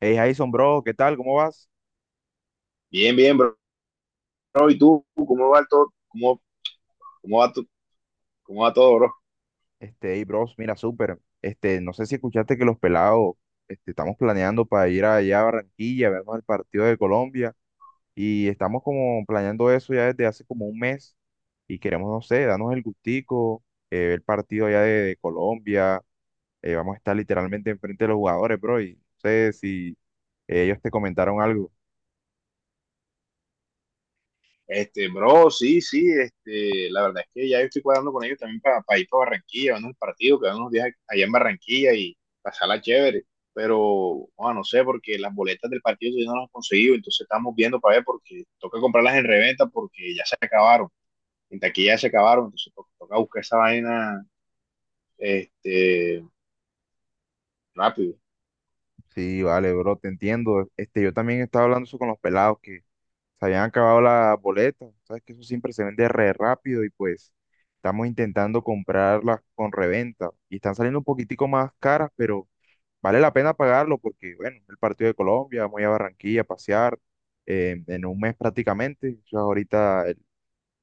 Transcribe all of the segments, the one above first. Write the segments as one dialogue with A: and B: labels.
A: Hey Jason, bro, ¿qué tal? ¿Cómo vas?
B: Bien, bien, bro. ¿Y tú? ¿Cómo va todo? Cómo va, tu- cómo va todo, bro?
A: Hey, bros, mira, súper. No sé si escuchaste que los pelados, estamos planeando para ir allá a Barranquilla, a vernos el partido de Colombia, y estamos como planeando eso ya desde hace como un mes, y queremos, no sé, darnos el gustico, ver el partido allá de Colombia, vamos a estar literalmente enfrente de los jugadores, bro, y no sé si ellos te comentaron algo.
B: Este, bro, sí, sí, este, la verdad es que ya yo estoy cuadrando con ellos también ir para Barranquilla, vernos el partido, quedarnos unos días allá en Barranquilla y pasarla chévere. Pero, bueno, no sé, porque las boletas del partido todavía no las he conseguido, entonces estamos viendo para ver porque toca comprarlas en reventa porque ya se acabaron, en taquilla ya se acabaron, entonces toca buscar esa vaina, este, rápido.
A: Sí, vale, bro, te entiendo. Yo también estaba hablando eso con los pelados, que se habían acabado las boletas, sabes que eso siempre se vende re rápido y pues estamos intentando comprarlas con reventa y están saliendo un poquitico más caras, pero vale la pena pagarlo porque, bueno, el partido de Colombia, vamos a ir a Barranquilla a pasear en un mes prácticamente, eso es ahorita el-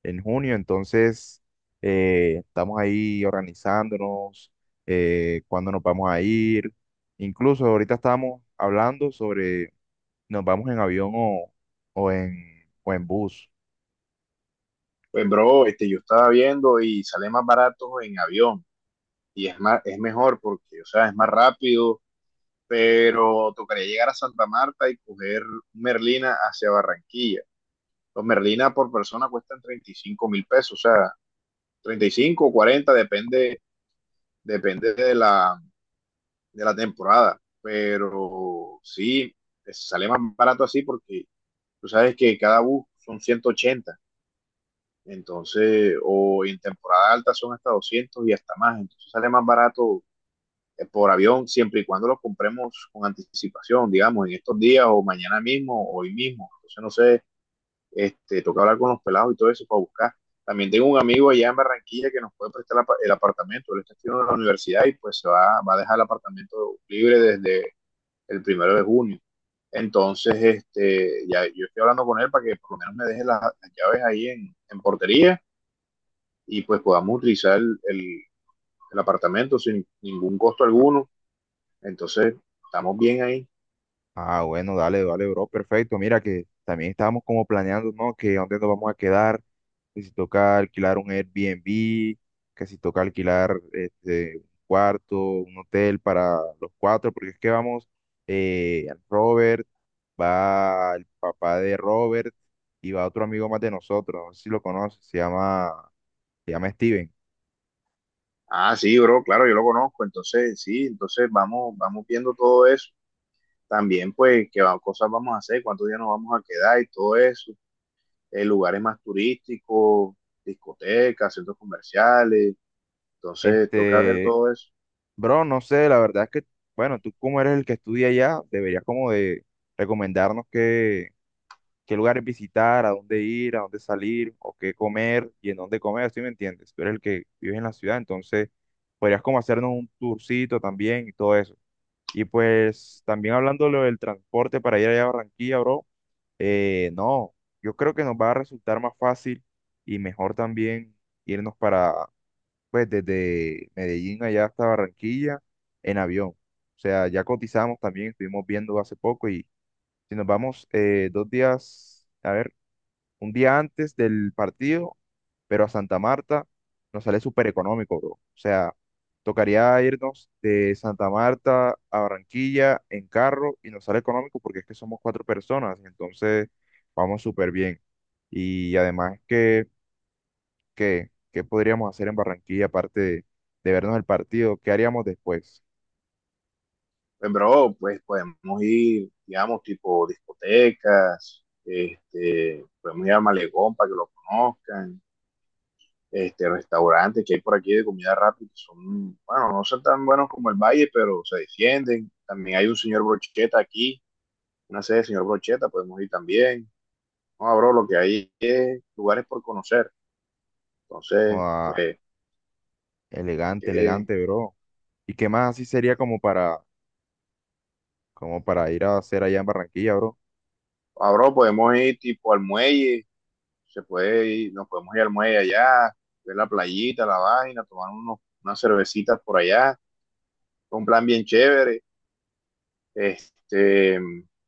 A: en junio, entonces estamos ahí organizándonos, cuándo nos vamos a ir, incluso ahorita estamos hablando sobre nos vamos en avión o en, o en bus.
B: Pues, bro, este, yo estaba viendo y sale más barato en avión. Y es más, es mejor porque, o sea, es más rápido, pero tocaría llegar a Santa Marta y coger Merlina hacia Barranquilla. Los Merlina por persona cuestan 35 mil pesos, o sea, 35 o 40, depende, depende de la temporada. Pero sí, sale más barato así porque tú sabes que cada bus son 180, entonces, o en temporada alta son hasta 200 y hasta más, entonces sale más barato por avión, siempre y cuando los compremos con anticipación, digamos, en estos días o mañana mismo o hoy mismo. Entonces, no sé, este, toca hablar con los pelados y todo eso para buscar. También tengo un amigo allá en Barranquilla que nos puede prestar el apartamento. Él está estudiando en la universidad y pues se va a dejar el apartamento libre desde el primero de junio. Entonces, este, ya yo estoy hablando con él para que por lo menos me deje las llaves ahí portería y pues podamos utilizar el apartamento sin ningún costo
A: Ah,
B: alguno. Entonces, estamos bien ahí.
A: ah, bueno, dale, dale, bro, perfecto. Mira que también estábamos como planeando, ¿no? Que dónde nos vamos a quedar, que si toca alquilar un Airbnb, que si toca alquilar un cuarto, un hotel para los cuatro, porque es que vamos, Robert, va el papá de Robert y va otro amigo más de nosotros, no sé si lo conoces, se llama Steven.
B: Ah, sí, bro, claro, yo lo conozco. Entonces, sí, entonces vamos viendo todo eso. También, pues, qué cosas vamos a hacer, cuántos días nos vamos a quedar y todo eso. Lugares más turísticos, discotecas, centros comerciales. Entonces, toca ver
A: Este,
B: todo eso.
A: Bro, no sé, la verdad es que, bueno, tú como eres el que estudia allá, deberías como de recomendarnos qué lugares visitar, a dónde ir, a dónde salir, o qué comer y en dónde comer, ¿sí me entiendes? Tú eres el que vives en la ciudad, entonces podrías como hacernos un tourcito también y todo eso. Y pues también hablando de lo del transporte para ir allá a Barranquilla, bro, no, yo creo que nos va a resultar más fácil y mejor también irnos para pues desde Medellín allá hasta Barranquilla en avión. O sea, ya cotizamos también, estuvimos viendo hace poco y si nos vamos dos días, a ver, un día antes del partido, pero a Santa Marta nos sale súper económico, bro. O sea, tocaría irnos de Santa Marta a Barranquilla en carro y nos sale económico porque es que somos cuatro personas, entonces vamos súper bien. Y además que qué podríamos hacer en Barranquilla aparte de vernos el partido? ¿Qué haríamos después?
B: Pues, bro, pues podemos ir, digamos, tipo discotecas, este, podemos ir a Malecón para que lo conozcan. Este, restaurantes que hay por aquí de comida rápida, que son, bueno, no son tan buenos como el Valle, pero se defienden. También hay un señor Brocheta aquí, una sede de señor Brocheta, podemos ir también. No, abro lo que hay es lugares por conocer. Entonces, pues,
A: Joda, elegante,
B: que,
A: elegante, bro. ¿Y qué más así sería como para ir a hacer allá en Barranquilla, bro?
B: abro, podemos ir tipo al muelle, se puede ir, nos podemos ir al muelle allá, ver la playita, la vaina, tomar unos, unas cervecitas por allá. Un plan bien chévere. Este,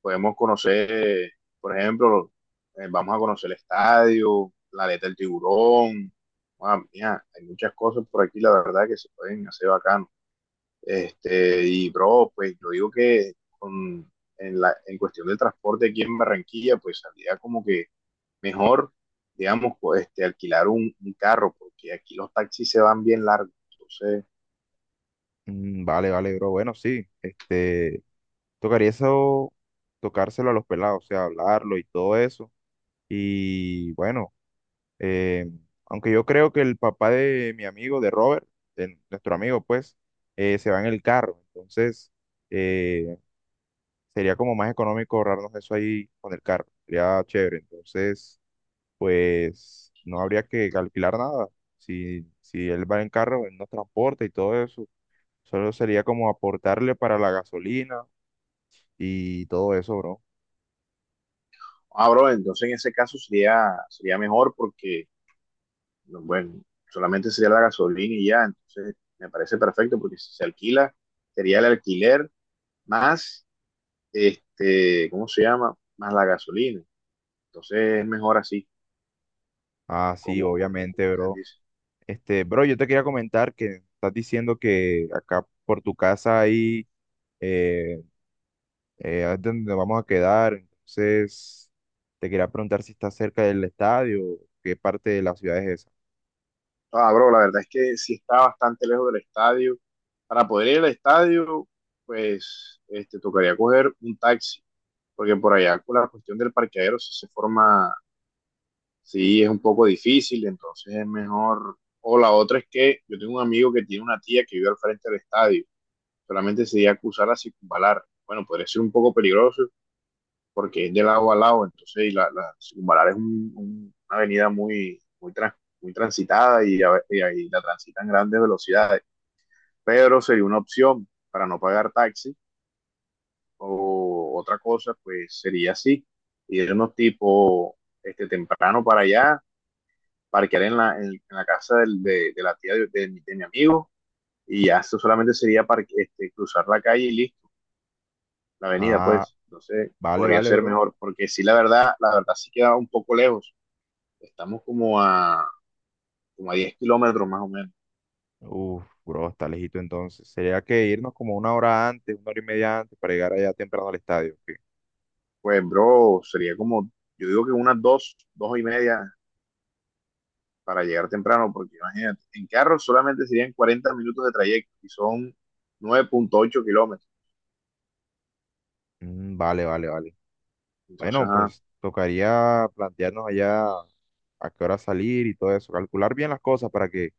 B: podemos conocer, por ejemplo, vamos a conocer el estadio, la aleta del tiburón. Ah, mira, hay muchas cosas por aquí, la verdad, que se pueden hacer bacano. Este, y bro, pues yo digo que con, en cuestión del transporte aquí en Barranquilla, pues saldría como que mejor, digamos, pues, este, alquilar un carro, porque aquí los taxis se van bien largos. Entonces,
A: Mm, vale, vale, bro. Bueno, sí. Tocaría eso, tocárselo a los pelados, o sea, hablarlo y todo eso. Y bueno, eh, aunque yo creo que el papá de mi amigo, de Robert, de nuestro amigo, pues, se va en el carro. Entonces, eh, sería como más económico ahorrarnos eso ahí con el carro. Sería chévere. Entonces, pues no habría que alquilar nada. Si, si él va en carro, él nos transporta y todo eso. Solo sería como aportarle para la gasolina y todo eso, bro.
B: ah, bro, entonces en ese caso sería, sería mejor porque no, bueno, solamente sería la gasolina y ya, entonces me parece perfecto porque si se alquila, sería el alquiler más, este, ¿cómo se llama? Más la gasolina. Entonces es mejor así,
A: Ah, sí,
B: como, como, como
A: obviamente,
B: usted
A: bro.
B: dice.
A: Este, bro, yo te quería comentar que estás diciendo que acá por tu casa ahí eh, es donde vamos a quedar. Entonces, te quería preguntar si está cerca del estadio, qué parte de la ciudad es esa.
B: Ah, bro, la verdad es que sí está bastante lejos del estadio. Para poder ir al estadio, pues, este, tocaría coger un taxi, porque por allá con la cuestión del parqueadero sí se forma. Sí, es un poco difícil, entonces es mejor. O la otra es que yo tengo un amigo que tiene una tía que vive al frente del estadio, solamente se iba a cruzar a circunvalar. Bueno, podría ser un poco peligroso porque es de lado a lado, entonces y la circunvalar es una avenida muy transitada y, y ahí la transitan grandes velocidades. Pero sería una opción para no pagar taxi o otra cosa, pues sería así, irnos tipo este, temprano para allá parquear en la casa de la tía de mi amigo y ya eso solamente sería este, cruzar la calle y listo, la avenida,
A: Ah,
B: pues. Entonces,
A: vale,
B: podría
A: vale,
B: ser
A: bro.
B: mejor, porque sí, la verdad sí queda un poco lejos. Estamos como a, como a 10 kilómetros más o menos.
A: Uf, bro, está lejito entonces. Sería que irnos como una hora antes, una hora y media antes para llegar allá temprano al estadio. ¿Ok?
B: Pues, bro, sería como, yo digo que unas dos, dos y media para llegar temprano, porque imagínate, en carro solamente serían 40 minutos de trayecto y son 9,8 kilómetros.
A: Mm, vale, vale, vale.
B: Entonces,
A: Bueno,
B: ajá,
A: pues tocaría plantearnos allá a qué hora salir y todo eso. Calcular bien las cosas para que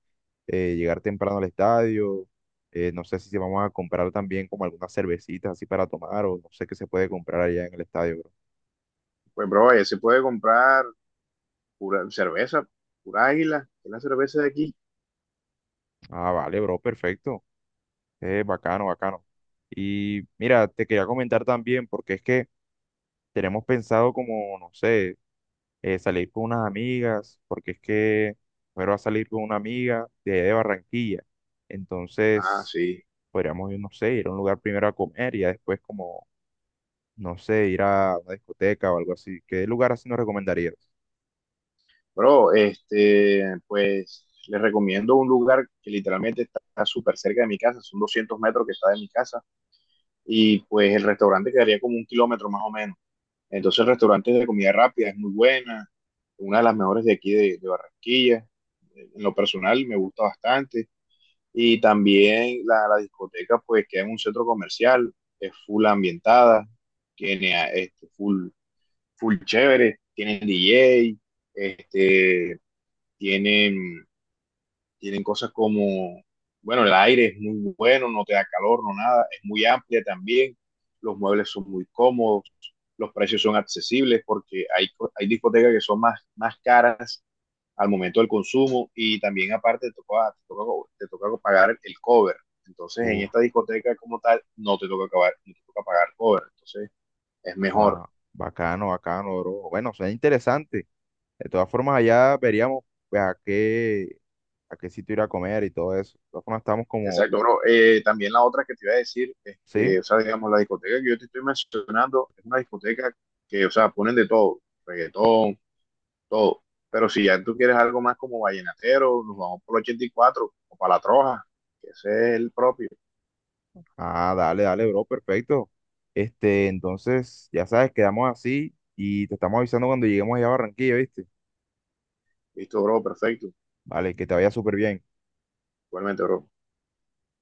A: llegar temprano al estadio. No sé si vamos a comprar también como algunas cervecitas así para tomar o no sé qué se puede comprar allá en el estadio, bro.
B: pues, bro, ya se puede comprar. Pura cerveza, pura águila, es la cerveza de aquí.
A: Ah, vale, bro, perfecto. Bacano, bacano. Y mira, te quería comentar también porque es que... Tenemos pensado como, no sé, salir con unas amigas, porque es que primero va a salir con una amiga allá de Barranquilla.
B: Ah,
A: Entonces,
B: sí.
A: podríamos ir, no sé, ir a un lugar primero a comer y ya después como, no sé, ir a una discoteca o algo así. ¿Qué lugar así nos recomendarías?
B: Bro, este, pues les recomiendo un lugar que literalmente está súper cerca de mi casa, son 200 metros que está de mi casa, y pues el restaurante quedaría como un kilómetro más o menos. Entonces el restaurante es de comida rápida, es muy buena, una de las mejores de aquí de Barranquilla. En lo personal me gusta bastante. Y también la discoteca, pues queda en un centro comercial, es full ambientada, tiene este, full full chévere, tienen DJ, este, tienen, tienen cosas como, bueno, el aire es muy bueno, no te da calor, no nada, es muy amplia también, los muebles son muy cómodos, los precios son accesibles porque hay, hay discotecas que son más, más caras al momento del consumo y también aparte te toca pagar el cover. Entonces en esta
A: Uf,
B: discoteca como tal no te toca pagar cover, entonces es mejor.
A: ah, bacano, bacano, bro. Bueno, suena interesante. De todas formas, allá veríamos pues, a qué sitio ir a comer y todo eso. De todas formas, estamos como,
B: Exacto, bro. También la otra que te iba a decir es que,
A: sí.
B: o sea, digamos, la discoteca que yo te estoy mencionando es una discoteca que, o sea, ponen de todo, reggaetón, todo. Pero si ya tú quieres algo más como vallenatero, nos vamos por el 84 o para la Troja, que ese es el propio.
A: Ah, dale, dale, bro, perfecto. Este, entonces, ya sabes, quedamos así y te estamos avisando cuando lleguemos allá a Barranquilla, ¿viste?
B: Listo, bro, perfecto.
A: Vale, que te vaya súper bien.
B: Igualmente, bro.